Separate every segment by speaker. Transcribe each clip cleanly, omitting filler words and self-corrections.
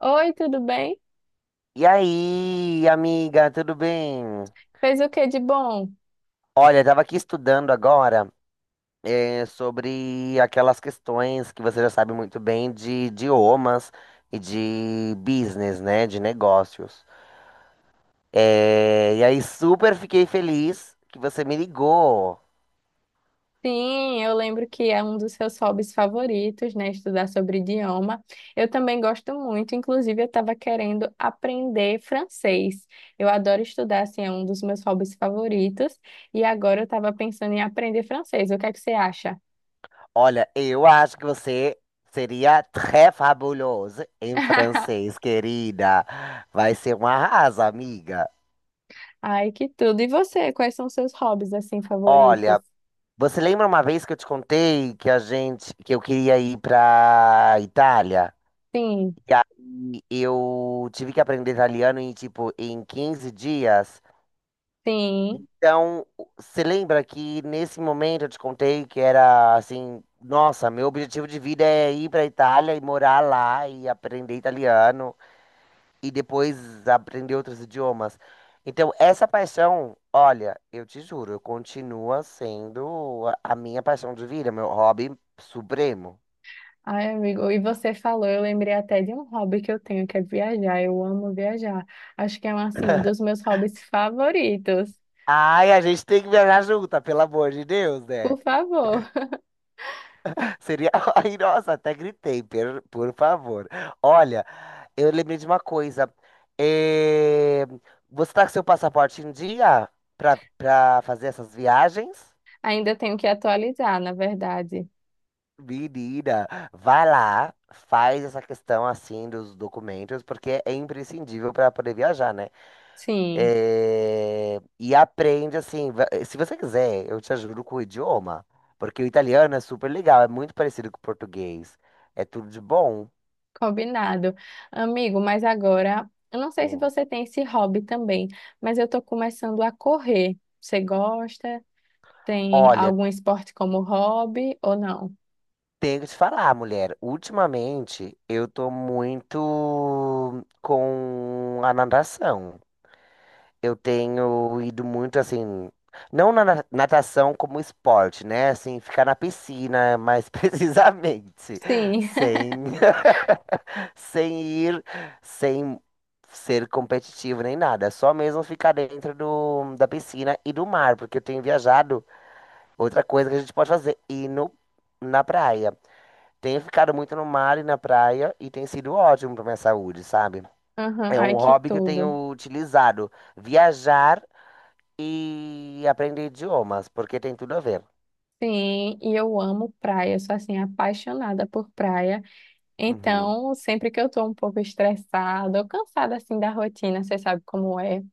Speaker 1: Oi, tudo bem?
Speaker 2: E aí, amiga, tudo bem?
Speaker 1: Fez o que de bom?
Speaker 2: Olha, eu tava aqui estudando agora, sobre aquelas questões que você já sabe muito bem de idiomas e de business, né? De negócios. E aí, super fiquei feliz que você me ligou.
Speaker 1: Sim, eu lembro que é um dos seus hobbies favoritos, né? Estudar sobre idioma. Eu também gosto muito, inclusive eu estava querendo aprender francês. Eu adoro estudar, assim, é um dos meus hobbies favoritos. E agora eu estava pensando em aprender francês. O que é que você acha?
Speaker 2: Olha, eu acho que você seria très fabuloso em francês, querida. Vai ser um arraso, amiga.
Speaker 1: Ai, que tudo. E você, quais são seus hobbies, assim, favoritos?
Speaker 2: Olha. Você lembra uma vez que eu te contei que eu queria ir pra Itália?
Speaker 1: Sim,
Speaker 2: E aí eu tive que aprender italiano em tipo em 15 dias.
Speaker 1: sim.
Speaker 2: Então, você lembra que nesse momento eu te contei que era assim, nossa, meu objetivo de vida é ir pra Itália e morar lá e aprender italiano e depois aprender outros idiomas. Então, essa paixão, olha, eu te juro, continua sendo a minha paixão de vida, meu hobby supremo.
Speaker 1: Ai, amigo, e você falou, eu lembrei até de um hobby que eu tenho, que é viajar. Eu amo viajar. Acho que é um, assim, dos meus hobbies favoritos.
Speaker 2: Ai, a gente tem que viajar junta, pelo amor de Deus, né?
Speaker 1: Por favor.
Speaker 2: Seria. Ai, nossa, até gritei, por favor. Olha, eu lembrei de uma coisa. Eh, Você tá com seu passaporte em dia pra fazer essas viagens?
Speaker 1: Ainda tenho que atualizar, na verdade.
Speaker 2: Menina, vai lá, faz essa questão assim dos documentos, porque é imprescindível para poder viajar, né?
Speaker 1: Sim,
Speaker 2: É. E aprende assim, se você quiser, eu te ajudo com o idioma, porque o italiano é super legal, é muito parecido com o português, é tudo de bom.
Speaker 1: combinado. Amigo, mas agora, eu não sei se
Speaker 2: Hum.
Speaker 1: você tem esse hobby também, mas eu tô começando a correr. Você gosta? Tem
Speaker 2: Olha,
Speaker 1: algum esporte como hobby ou não?
Speaker 2: tenho que te falar, mulher, ultimamente eu tô muito com a natação. Eu tenho ido muito assim, não natação como esporte, né? Assim, ficar na piscina, mais precisamente,
Speaker 1: Sim.
Speaker 2: sem, sem ir, sem ser competitivo nem nada, só mesmo ficar dentro da piscina e do mar, porque eu tenho viajado. Outra coisa que a gente pode fazer, ir no, na praia. Tenho ficado muito no mar e na praia e tem sido ótimo para minha saúde, sabe?
Speaker 1: Aham,
Speaker 2: É um
Speaker 1: ai, que
Speaker 2: hobby que eu
Speaker 1: tudo.
Speaker 2: tenho utilizado. Viajar e aprender idiomas, porque tem tudo a ver.
Speaker 1: Sim, e eu amo praia, eu sou assim apaixonada por praia.
Speaker 2: Uhum.
Speaker 1: Então, sempre que eu tô um pouco estressada ou cansada assim da rotina, você sabe como é.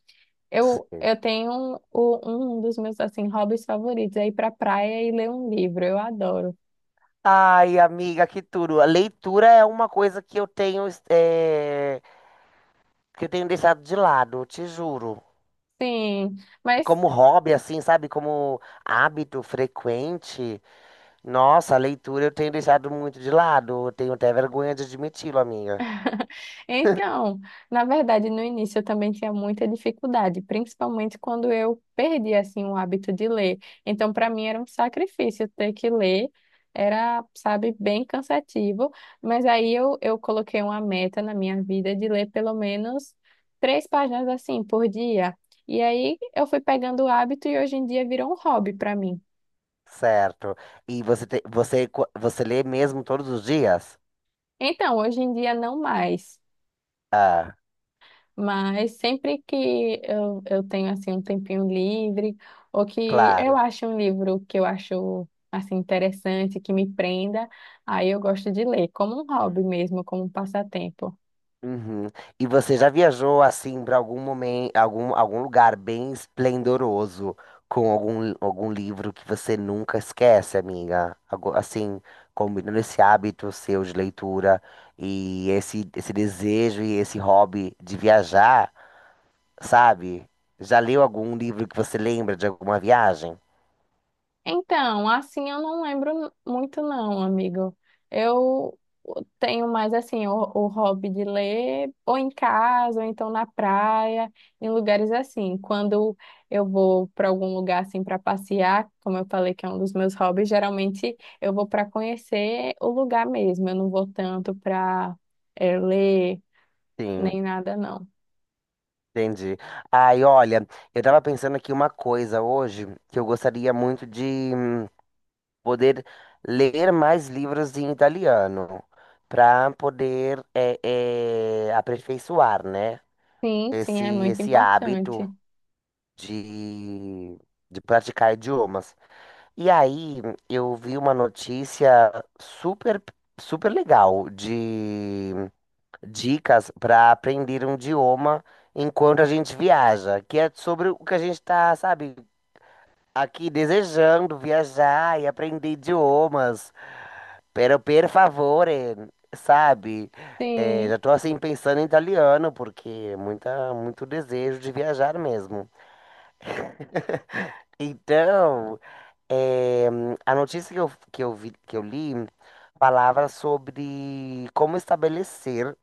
Speaker 1: Eu,
Speaker 2: Sim.
Speaker 1: eu tenho um, um dos meus assim hobbies favoritos é ir pra praia e ler um livro. Eu adoro.
Speaker 2: Ai, amiga, que tudo. A leitura é uma coisa que eu tenho, que eu tenho deixado de lado, te juro.
Speaker 1: Sim, mas
Speaker 2: Como hobby, assim, sabe? Como hábito frequente. Nossa, a leitura eu tenho deixado muito de lado. Eu tenho até vergonha de admiti-lo, amiga.
Speaker 1: então, na verdade, no início eu também tinha muita dificuldade, principalmente quando eu perdi assim o hábito de ler. Então, para mim era um sacrifício ter que ler, era, sabe, bem cansativo, mas aí eu coloquei uma meta na minha vida de ler pelo menos três páginas assim por dia. E aí eu fui pegando o hábito e hoje em dia virou um hobby para mim.
Speaker 2: Certo. E você, você lê mesmo todos os dias?
Speaker 1: Então, hoje em dia não mais.
Speaker 2: Ah,
Speaker 1: Mas sempre que eu tenho assim um tempinho livre, ou que eu
Speaker 2: claro.
Speaker 1: acho um livro que eu acho assim interessante, que me prenda, aí eu gosto de ler, como um hobby mesmo, como um passatempo.
Speaker 2: Uhum. E você já viajou assim para algum momento, algum lugar bem esplendoroso com algum livro que você nunca esquece, amiga? Assim, combinando esse hábito seu de leitura e esse desejo e esse hobby de viajar, sabe? Já leu algum livro que você lembra de alguma viagem?
Speaker 1: Então, assim eu não lembro muito não, amigo. Eu tenho mais assim o hobby de ler, ou em casa, ou então na praia, em lugares assim. Quando eu vou para algum lugar assim para passear, como eu falei que é um dos meus hobbies, geralmente eu vou para conhecer o lugar mesmo. Eu não vou tanto para ler
Speaker 2: Sim,
Speaker 1: nem nada não.
Speaker 2: entendi. Ai, olha, eu tava pensando aqui uma coisa hoje que eu gostaria muito de poder ler mais livros em italiano, para poder aperfeiçoar, né?
Speaker 1: Sim, sim, é muito
Speaker 2: Esse hábito
Speaker 1: importante.
Speaker 2: de, de praticar idiomas. E aí eu vi uma notícia super, super legal de dicas para aprender um idioma enquanto a gente viaja, que é sobre o que a gente está, sabe, aqui desejando viajar e aprender idiomas. Pero per favore, sabe? É,
Speaker 1: Sim,
Speaker 2: já tô assim pensando em italiano, porque é muita, muito desejo de viajar mesmo. Então, é, a notícia que eu vi, que eu li falava sobre como estabelecer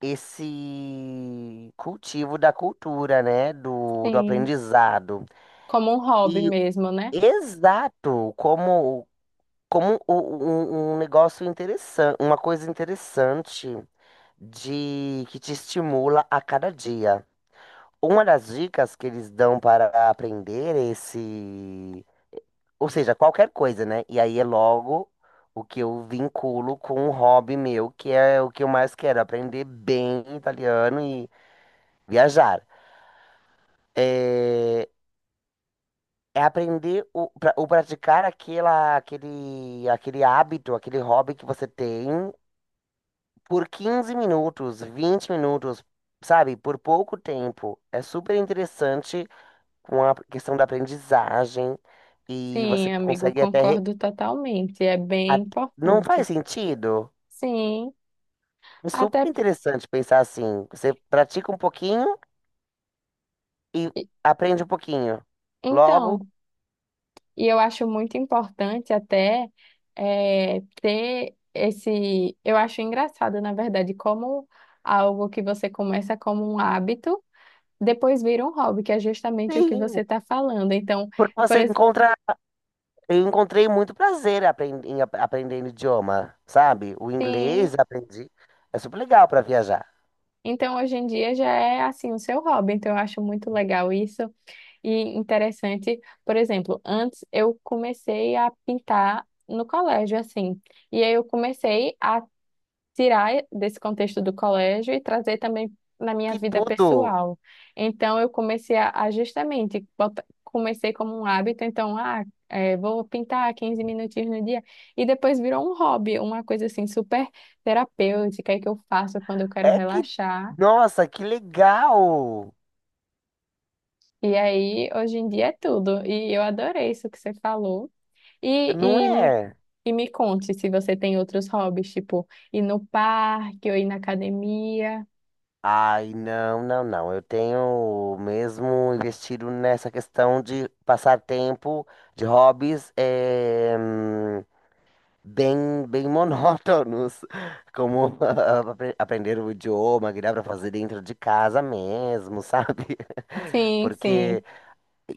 Speaker 2: esse cultivo da cultura, né? Do
Speaker 1: sim.
Speaker 2: aprendizado.
Speaker 1: Como um hobby
Speaker 2: E
Speaker 1: mesmo, né?
Speaker 2: exato, como um, um negócio interessante, uma coisa interessante de que te estimula a cada dia. Uma das dicas que eles dão para aprender esse, ou seja, qualquer coisa, né? E aí é logo o que eu vinculo com um hobby meu, que é o que eu mais quero, aprender bem italiano e viajar. É, é aprender o praticar aquele hábito, aquele hobby que você tem por 15 minutos, 20 minutos, sabe? Por pouco tempo. É super interessante com a questão da aprendizagem e
Speaker 1: Sim,
Speaker 2: você
Speaker 1: amigo,
Speaker 2: consegue até.
Speaker 1: concordo totalmente. É bem
Speaker 2: A- Não
Speaker 1: importante.
Speaker 2: faz sentido?
Speaker 1: Sim,
Speaker 2: É super
Speaker 1: até
Speaker 2: interessante pensar assim. Você pratica um pouquinho e
Speaker 1: porque-
Speaker 2: aprende um pouquinho. Logo,
Speaker 1: então, e eu acho muito importante até ter esse. Eu acho engraçado, na verdade, como algo que você começa como um hábito, depois vira um hobby, que é justamente o que você
Speaker 2: sim,
Speaker 1: está falando. Então,
Speaker 2: porque
Speaker 1: por
Speaker 2: você
Speaker 1: exemplo,
Speaker 2: encontra. Eu encontrei muito prazer aprendendo idioma, sabe? O inglês
Speaker 1: sim,
Speaker 2: aprendi. É super legal para viajar.
Speaker 1: então hoje em dia já é assim o seu hobby. Então, eu acho muito legal isso. E interessante, por exemplo, antes eu comecei a pintar no colégio, assim. E aí eu comecei a tirar desse contexto do colégio e trazer também na minha
Speaker 2: Que
Speaker 1: vida
Speaker 2: tudo!
Speaker 1: pessoal. Então eu comecei a justamente, comecei como um hábito, então, ah, é, vou pintar 15 minutinhos no dia. E depois virou um hobby, uma coisa assim super terapêutica e que eu faço quando eu quero
Speaker 2: É que,
Speaker 1: relaxar.
Speaker 2: nossa, que legal!
Speaker 1: E aí, hoje em dia é tudo. E eu adorei isso que você falou.
Speaker 2: Não
Speaker 1: E, e, me-
Speaker 2: é?
Speaker 1: e me conte se você tem outros hobbies, tipo ir no parque ou ir na academia.
Speaker 2: Ai, não. Eu tenho mesmo investido nessa questão de passar tempo de hobbies bem, bem monótonos, como aprender o idioma, que dá pra fazer dentro de casa mesmo, sabe?
Speaker 1: Sim,
Speaker 2: Porque
Speaker 1: sim.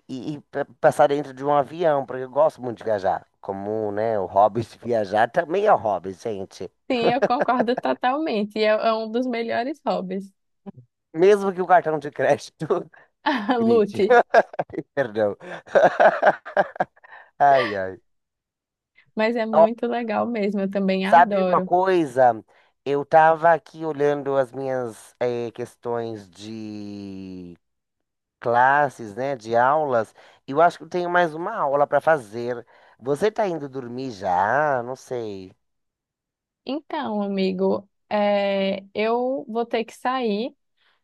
Speaker 2: e passar dentro de um avião, porque eu gosto muito de viajar. Como, né, o hobby de viajar também é um hobby, gente.
Speaker 1: Sim, eu concordo totalmente. E é, é um dos melhores hobbies.
Speaker 2: Mesmo que o cartão de crédito grite.
Speaker 1: Lute.
Speaker 2: Perdão. Ai, ai.
Speaker 1: Mas é
Speaker 2: Ó,
Speaker 1: muito legal mesmo, eu também
Speaker 2: sabe uma
Speaker 1: adoro.
Speaker 2: coisa? Eu tava aqui olhando as minhas questões de classes, né? De aulas. E eu acho que eu tenho mais uma aula para fazer. Você tá indo dormir já? Não sei.
Speaker 1: Então, amigo, é, eu vou ter que sair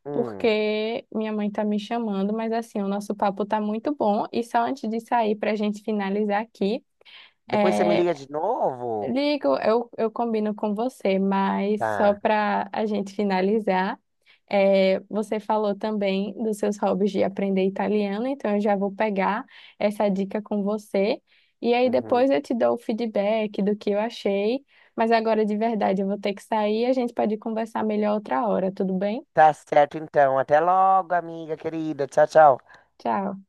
Speaker 2: Hum.
Speaker 1: porque minha mãe tá me chamando, mas assim, o nosso papo tá muito bom. E só antes de sair, para a gente finalizar aqui.
Speaker 2: Depois você me
Speaker 1: É,
Speaker 2: liga de novo?
Speaker 1: ligo, eu combino com você, mas só
Speaker 2: Tá.
Speaker 1: para a gente finalizar, é, você falou também dos seus hobbies de aprender italiano, então eu já vou pegar essa dica com você. E aí
Speaker 2: Uhum.
Speaker 1: depois eu te dou o feedback do que eu achei, mas agora de verdade eu vou ter que sair, a gente pode conversar melhor outra hora, tudo bem?
Speaker 2: Tá certo, então. Até logo, amiga querida. Tchau, tchau.
Speaker 1: Tchau.